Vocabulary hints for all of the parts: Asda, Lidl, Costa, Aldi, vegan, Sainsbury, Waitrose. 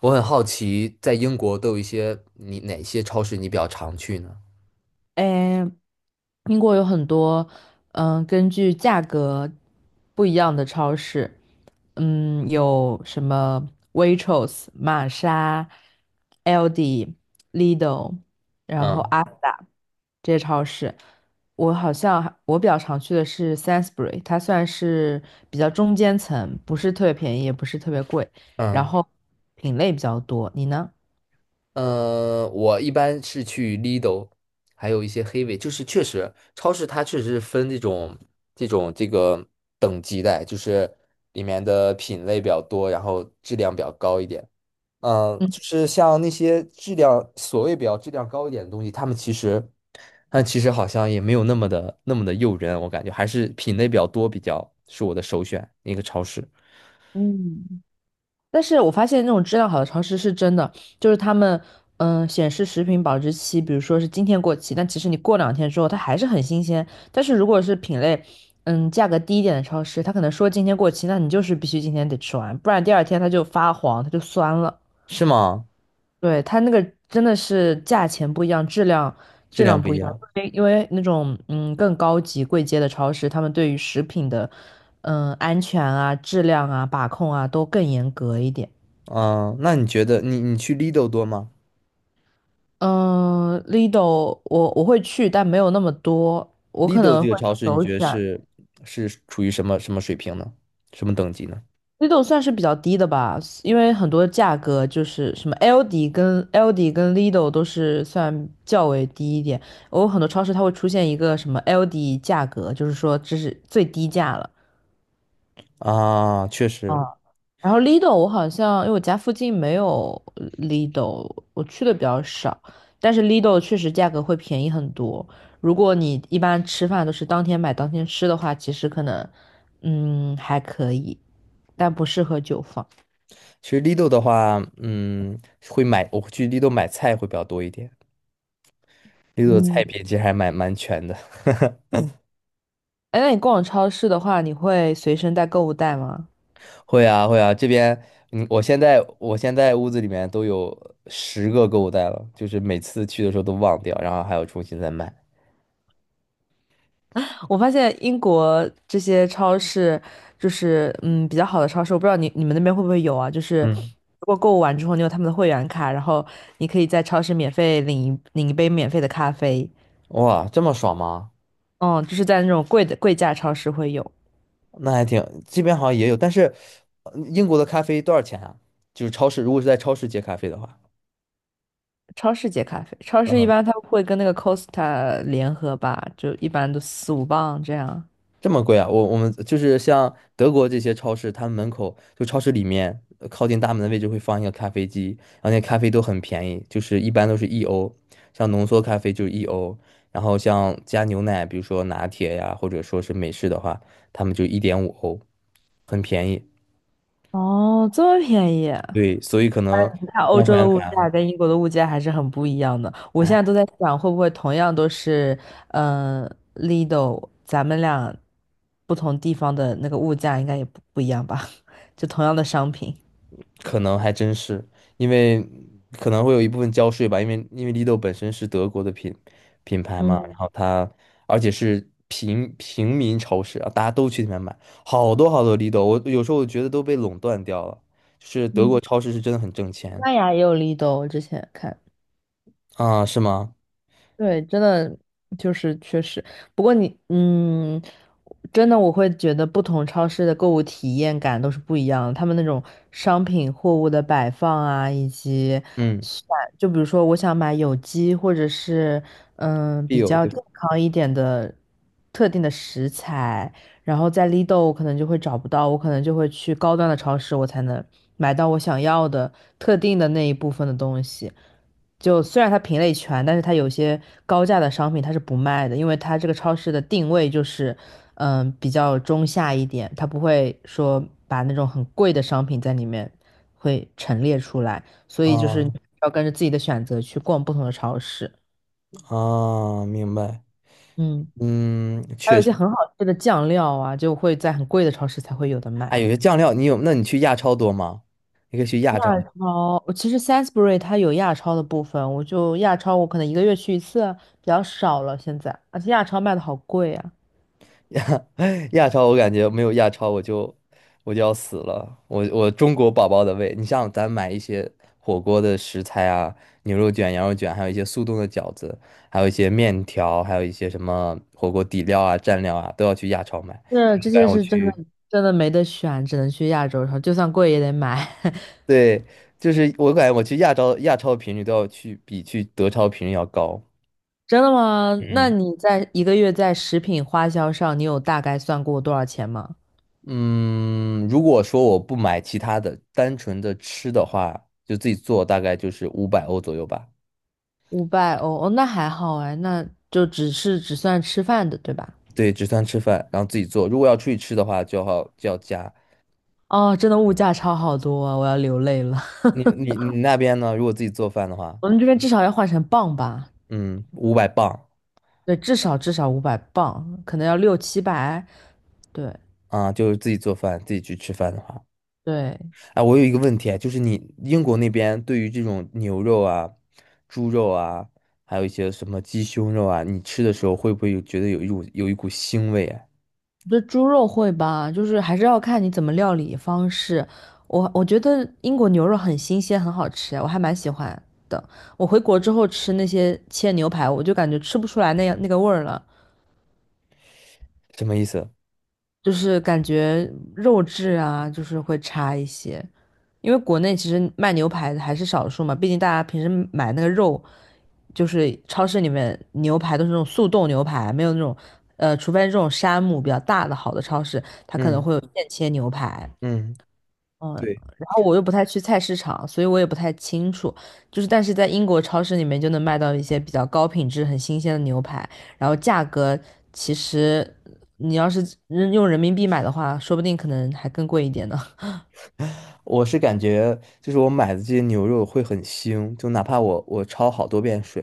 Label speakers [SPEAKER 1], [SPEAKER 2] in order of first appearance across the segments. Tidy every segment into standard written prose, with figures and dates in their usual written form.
[SPEAKER 1] 我很好奇，在英国都有一些你哪些超市你比较常去呢？
[SPEAKER 2] 诶，英国有很多，根据价格不一样的超市，有什么 Waitrose、玛莎、Aldi、Lidl，然后
[SPEAKER 1] 嗯。
[SPEAKER 2] Asda 这些超市。我好像还我比较常去的是 Sainsbury，它算是比较中间层，不是特别便宜，也不是特别贵，然
[SPEAKER 1] 嗯。
[SPEAKER 2] 后品类比较多。你呢？
[SPEAKER 1] 我一般是去 Lidl，还有一些黑尾，就是确实超市它确实是分这种这个等级的，就是里面的品类比较多，然后质量比较高一点。
[SPEAKER 2] 嗯
[SPEAKER 1] 就是像那些质量所谓比较质量高一点的东西，他们其实，但其实好像也没有那么的诱人，我感觉还是品类比较多，比较是我的首选一个超市。
[SPEAKER 2] 嗯。但是我发现那种质量好的超市是真的，就是他们显示食品保质期，比如说是今天过期，但其实你过两天之后它还是很新鲜。但是如果是品类价格低一点的超市，它可能说今天过期，那你就是必须今天得吃完，不然第二天它就发黄，它就酸了。
[SPEAKER 1] 是吗？
[SPEAKER 2] 对，它那个真的是价钱不一样，质量
[SPEAKER 1] 质
[SPEAKER 2] 质
[SPEAKER 1] 量
[SPEAKER 2] 量
[SPEAKER 1] 不一
[SPEAKER 2] 不一样，
[SPEAKER 1] 样。
[SPEAKER 2] 因为那种更高级贵阶的超市，他们对于食品的安全啊、质量啊、把控啊都更严格一点。
[SPEAKER 1] 嗯、那你觉得你去 Lidl 多吗
[SPEAKER 2] 嗯，Lido 我会去，但没有那么多，我可
[SPEAKER 1] ？Lidl
[SPEAKER 2] 能
[SPEAKER 1] 这个
[SPEAKER 2] 会
[SPEAKER 1] 超市你
[SPEAKER 2] 走一
[SPEAKER 1] 觉得
[SPEAKER 2] 下。
[SPEAKER 1] 是是处于什么什么水平呢？什么等级呢？
[SPEAKER 2] Lido 算是比较低的吧，因为很多价格就是什么 LD 跟 LD 跟 Lido 都是算较为低一点。我有很多超市它会出现一个什么 LD 价格，就是说这是最低价了。
[SPEAKER 1] 啊，确实。
[SPEAKER 2] 啊，然后 Lido 我好像因为我家附近没有 Lido，我去的比较少，但是 Lido 确实价格会便宜很多。如果你一般吃饭都是当天买当天吃的话，其实可能还可以，但不适合久放。
[SPEAKER 1] 其实 Lidl 的话，嗯，会买，我会去 Lidl 买菜会比较多一点，Lidl 的
[SPEAKER 2] 嗯，
[SPEAKER 1] 菜品其实还蛮全的。
[SPEAKER 2] 哎，那你逛超市的话，你会随身带购物袋吗？
[SPEAKER 1] 会啊会啊，这边嗯，我现在屋子里面都有十个购物袋了，就是每次去的时候都忘掉，然后还要重新再买。
[SPEAKER 2] 我发现英国这些超市，就是比较好的超市，我不知道你们那边会不会有啊？就是
[SPEAKER 1] 嗯。
[SPEAKER 2] 如果购物完之后，你有他们的会员卡，然后你可以在超市免费领一杯免费的咖啡。
[SPEAKER 1] 哇，这么爽吗？
[SPEAKER 2] 嗯，就是在那种贵价超市会有
[SPEAKER 1] 那还挺，这边好像也有，但是英国的咖啡多少钱啊？就是超市，如果是在超市接咖啡的话。
[SPEAKER 2] 超市接咖啡，超市一般它会跟那个 Costa 联合吧，就一般都四五磅这样。
[SPEAKER 1] 这么贵啊？我们就是像德国这些超市，他们门口就超市里面靠近大门的位置会放一个咖啡机，然后那咖啡都很便宜，就是一般都是一欧，像浓缩咖啡就是一欧，然后像加牛奶，比如说拿铁呀，或者说是美式的话，他们就一点五欧，很便宜。
[SPEAKER 2] 哦，这么便宜。
[SPEAKER 1] 对，所以可能
[SPEAKER 2] 看欧
[SPEAKER 1] 办会
[SPEAKER 2] 洲的
[SPEAKER 1] 员
[SPEAKER 2] 物价
[SPEAKER 1] 卡。
[SPEAKER 2] 跟英国的物价还是很不一样的。我现在都在想，会不会同样都是，嗯、Lido 咱们俩不同地方的那个物价应该也不一样吧？就同样的商品。
[SPEAKER 1] 可能还真是，因为可能会有一部分交税吧，因为 Lido 本身是德国的品牌嘛，然
[SPEAKER 2] 嗯
[SPEAKER 1] 后它而且是平民超市啊，大家都去里面买，好多好多 Lido，我有时候我觉得都被垄断掉了，就是德
[SPEAKER 2] 嗯，
[SPEAKER 1] 国超市是真的很挣
[SPEAKER 2] 西
[SPEAKER 1] 钱
[SPEAKER 2] 班牙也有 Lidl，我之前看。
[SPEAKER 1] 啊。是吗？
[SPEAKER 2] 对，真的就是确实。不过你，真的我会觉得不同超市的购物体验感都是不一样的。他们那种商品货物的摆放啊，以及
[SPEAKER 1] 嗯。
[SPEAKER 2] 选，就比如说我想买有机或者是
[SPEAKER 1] 必
[SPEAKER 2] 比
[SPEAKER 1] 有
[SPEAKER 2] 较
[SPEAKER 1] 对
[SPEAKER 2] 健康一点的特定的食材，然后在 Lidl 我可能就会找不到，我可能就会去高端的超市，我才能买到我想要的特定的那一部分的东西。就虽然它品类全，但是它有些高价的商品它是不卖的，因为它这个超市的定位就是，比较中下一点，它不会说把那种很贵的商品在里面会陈列出来，所以就是你
[SPEAKER 1] 啊。
[SPEAKER 2] 要跟着自己的选择去逛不同的超市。
[SPEAKER 1] 啊，明白。
[SPEAKER 2] 嗯，
[SPEAKER 1] 嗯，
[SPEAKER 2] 还有
[SPEAKER 1] 确
[SPEAKER 2] 一
[SPEAKER 1] 实。
[SPEAKER 2] 些很好吃的酱料啊，就会在很贵的超市才会有的
[SPEAKER 1] 哎，
[SPEAKER 2] 卖。
[SPEAKER 1] 有些酱料你有，那你去亚超多吗？你可以去亚
[SPEAKER 2] 亚
[SPEAKER 1] 超。
[SPEAKER 2] 超，我其实 Sainsbury 它有亚超的部分，我就亚超我可能一个月去一次啊，比较少了现在，而且亚超卖的好贵啊。
[SPEAKER 1] 亚 亚超，我感觉没有亚超我就我就要死了。我中国宝宝的胃，你像咱买一些火锅的食材啊，牛肉卷、羊肉卷，还有一些速冻的饺子，还有一些面条，还有一些什么火锅底料啊、蘸料啊，都要去亚超买。
[SPEAKER 2] 是
[SPEAKER 1] 我
[SPEAKER 2] 这
[SPEAKER 1] 感
[SPEAKER 2] 些
[SPEAKER 1] 觉我
[SPEAKER 2] 是真的，
[SPEAKER 1] 去。
[SPEAKER 2] 真的没得选，只能去亚洲然后就算贵也得买。
[SPEAKER 1] 对，就是我感觉我去亚超的频率都要去比去德超频率要高。
[SPEAKER 2] 真的吗？那
[SPEAKER 1] 嗯。
[SPEAKER 2] 你在一个月在食品花销上，你有大概算过多少钱吗？
[SPEAKER 1] 嗯，如果说我不买其他的，单纯的吃的话，就自己做，大概就是五百欧左右吧。
[SPEAKER 2] 500欧，哦，那还好哎，那就只算吃饭的，对吧？
[SPEAKER 1] 对，只算吃饭，然后自己做。如果要出去吃的话，就要加。
[SPEAKER 2] 哦，真的物价差好多啊，我要流泪了。
[SPEAKER 1] 你那边呢？如果自己做饭的话，
[SPEAKER 2] 我们这边至少要换成磅吧？
[SPEAKER 1] 嗯，五百磅。
[SPEAKER 2] 对，至少500磅，可能要六七百。对
[SPEAKER 1] 啊，就是自己做饭，自己去吃饭的话。
[SPEAKER 2] 对，
[SPEAKER 1] 啊，我有一个问题啊，就是你英国那边对于这种牛肉啊、猪肉啊，还有一些什么鸡胸肉啊，你吃的时候会不会有觉得有一股腥味啊？
[SPEAKER 2] 这猪肉会吧，就是还是要看你怎么料理方式。我觉得英国牛肉很新鲜，很好吃，我还蛮喜欢的。我回国之后吃那些切牛排，我就感觉吃不出来那样那个味儿了，
[SPEAKER 1] 什么意思？
[SPEAKER 2] 就是感觉肉质啊，就是会差一些。因为国内其实卖牛排的还是少数嘛，毕竟大家平时买那个肉，就是超市里面牛排都是那种速冻牛排，没有那种，除非这种山姆比较大的好的超市，它可能
[SPEAKER 1] 嗯。
[SPEAKER 2] 会有现切牛排。
[SPEAKER 1] 嗯。
[SPEAKER 2] 嗯，
[SPEAKER 1] 对。
[SPEAKER 2] 然后我又不太去菜市场，所以我也不太清楚。就是，但是在英国超市里面就能买到一些比较高品质、很新鲜的牛排，然后价格其实你要是用人民币买的话，说不定可能还更贵一点呢。
[SPEAKER 1] 我是感觉，就是我买的这些牛肉会很腥，就哪怕我焯好多遍水，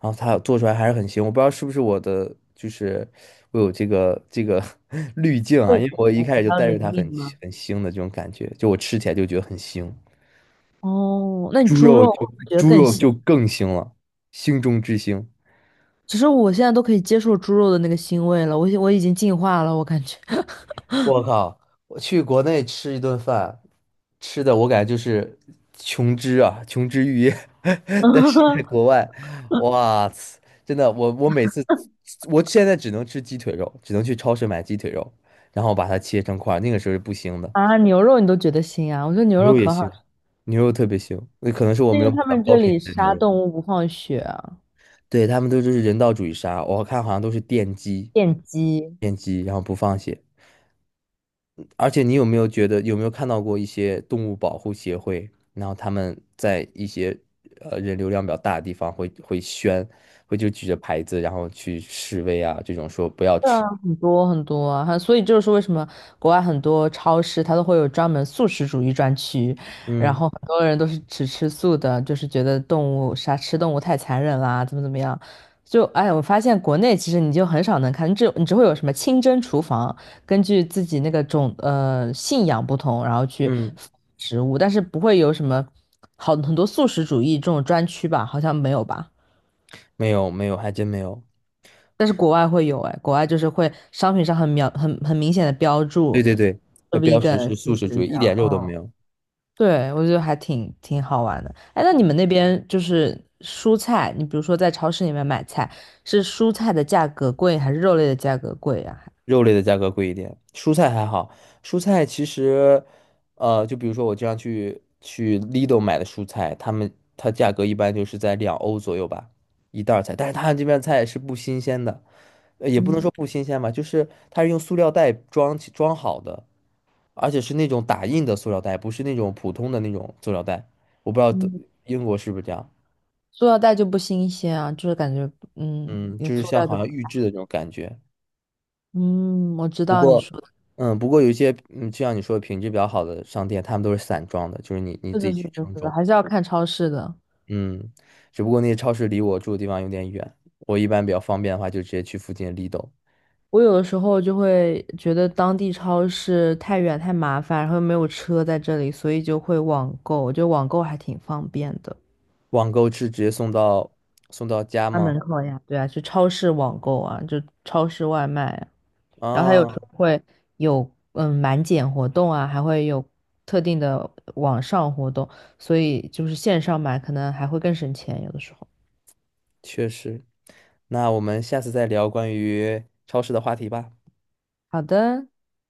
[SPEAKER 1] 然后它做出来还是很腥，我不知道是不是我的，就是我有这个 滤镜
[SPEAKER 2] 会
[SPEAKER 1] 啊，因
[SPEAKER 2] 比
[SPEAKER 1] 为我一开始就
[SPEAKER 2] 较
[SPEAKER 1] 带着它
[SPEAKER 2] 灵
[SPEAKER 1] 很
[SPEAKER 2] 敏吗？
[SPEAKER 1] 很腥的这种感觉，就我吃起来就觉得很腥。
[SPEAKER 2] 哦，那你
[SPEAKER 1] 猪
[SPEAKER 2] 猪
[SPEAKER 1] 肉
[SPEAKER 2] 肉
[SPEAKER 1] 就
[SPEAKER 2] 会不会觉得
[SPEAKER 1] 猪
[SPEAKER 2] 更
[SPEAKER 1] 肉
[SPEAKER 2] 腥？
[SPEAKER 1] 就更腥了，腥中之腥。
[SPEAKER 2] 其实我现在都可以接受猪肉的那个腥味了，我已经进化了，我感觉。
[SPEAKER 1] 我靠！我去国内吃一顿饭，吃的我感觉就是琼脂啊，琼脂玉液。但是在国 外，哇塞，真的，我我每次，我现在只能吃鸡腿肉，只能去超市买鸡腿肉，然后把它切成块儿那个时候是不腥的。
[SPEAKER 2] 啊，牛肉你都觉得腥啊？我觉得牛
[SPEAKER 1] 牛
[SPEAKER 2] 肉
[SPEAKER 1] 肉也
[SPEAKER 2] 可好
[SPEAKER 1] 腥，
[SPEAKER 2] 吃，
[SPEAKER 1] 牛肉特别腥。那可能是我
[SPEAKER 2] 因
[SPEAKER 1] 没
[SPEAKER 2] 为
[SPEAKER 1] 有买
[SPEAKER 2] 他
[SPEAKER 1] 到
[SPEAKER 2] 们
[SPEAKER 1] 高
[SPEAKER 2] 这
[SPEAKER 1] 品
[SPEAKER 2] 里
[SPEAKER 1] 质的牛
[SPEAKER 2] 杀
[SPEAKER 1] 肉。
[SPEAKER 2] 动物不放血，
[SPEAKER 1] 对，他们都就是人道主义杀，我看好像都是电击。
[SPEAKER 2] 电机，
[SPEAKER 1] 电击，然后不放血。而且你有没有觉得，有没有看到过一些动物保护协会，然后他们在一些人流量比较大的地方会宣，会就举着牌子，然后去示威啊，这种说不要
[SPEAKER 2] 对啊，
[SPEAKER 1] 吃。
[SPEAKER 2] 很多很多啊，还所以就是为什么国外很多超市它都会有专门素食主义专区，然
[SPEAKER 1] 嗯。
[SPEAKER 2] 后很多人都是只吃素的，就是觉得动物杀吃动物太残忍啦，怎么样。就哎，我发现国内其实你就很少能看，你只会有什么清真厨房，根据自己那个种信仰不同，然后去
[SPEAKER 1] 嗯，
[SPEAKER 2] 食物，但是不会有什么好很多素食主义这种专区吧？好像没有吧？
[SPEAKER 1] 没有没有，还真没有。
[SPEAKER 2] 但是国外会有哎，国外就是会商品上很描很很明显的标
[SPEAKER 1] 对
[SPEAKER 2] 注
[SPEAKER 1] 对对，会
[SPEAKER 2] 是
[SPEAKER 1] 标识
[SPEAKER 2] vegan
[SPEAKER 1] 是
[SPEAKER 2] 素
[SPEAKER 1] 素食主
[SPEAKER 2] 食
[SPEAKER 1] 义，
[SPEAKER 2] 这
[SPEAKER 1] 一
[SPEAKER 2] 样，
[SPEAKER 1] 点肉都没有。
[SPEAKER 2] 对，我觉得还挺好玩的。哎，那你们那边就是蔬菜，你比如说在超市里面买菜，是蔬菜的价格贵还是肉类的价格贵呀、
[SPEAKER 1] 肉类的价格贵一点，蔬菜还好。蔬菜其实，呃，就比如说我经常去 Lidl 买的蔬菜，他们它价格一般就是在两欧左右吧，一袋儿菜。但是他这边菜是不新鲜的，呃也不能说不新鲜吧，就是它是用塑料袋装好的，而且是那种打印的塑料袋，不是那种普通的那种塑料袋。我不知道德
[SPEAKER 2] 嗯，
[SPEAKER 1] 英国是不是这样，
[SPEAKER 2] 塑料袋就不新鲜啊，就是感觉
[SPEAKER 1] 嗯，
[SPEAKER 2] 用
[SPEAKER 1] 就是
[SPEAKER 2] 塑
[SPEAKER 1] 像
[SPEAKER 2] 料就
[SPEAKER 1] 好
[SPEAKER 2] 不，
[SPEAKER 1] 像预制的那种感觉。
[SPEAKER 2] 嗯，我知
[SPEAKER 1] 不
[SPEAKER 2] 道你
[SPEAKER 1] 过，
[SPEAKER 2] 说的，
[SPEAKER 1] 嗯，不过有一些，嗯，就像你说的品质比较好的商店，他们都是散装的，就是你
[SPEAKER 2] 这
[SPEAKER 1] 自
[SPEAKER 2] 就
[SPEAKER 1] 己
[SPEAKER 2] 是
[SPEAKER 1] 去
[SPEAKER 2] 这
[SPEAKER 1] 称
[SPEAKER 2] 就是
[SPEAKER 1] 重。
[SPEAKER 2] 还是要看超市的。
[SPEAKER 1] 嗯，只不过那些超市离我住的地方有点远，我一般比较方便的话，就直接去附近的 Lidl。
[SPEAKER 2] 我有的时候就会觉得当地超市太远太麻烦，然后又没有车在这里，所以就会网购。我觉得网购还挺方便的，
[SPEAKER 1] 网购是直接送到送到家
[SPEAKER 2] 家
[SPEAKER 1] 吗？
[SPEAKER 2] 门口呀，对啊，去超市网购啊，就超市外卖啊。然后它有时
[SPEAKER 1] 啊，
[SPEAKER 2] 候会有满减活动啊，还会有特定的网上活动，所以就是线上买可能还会更省钱，有的时候。
[SPEAKER 1] 确实。那我们下次再聊关于超市的话题吧。
[SPEAKER 2] 好的。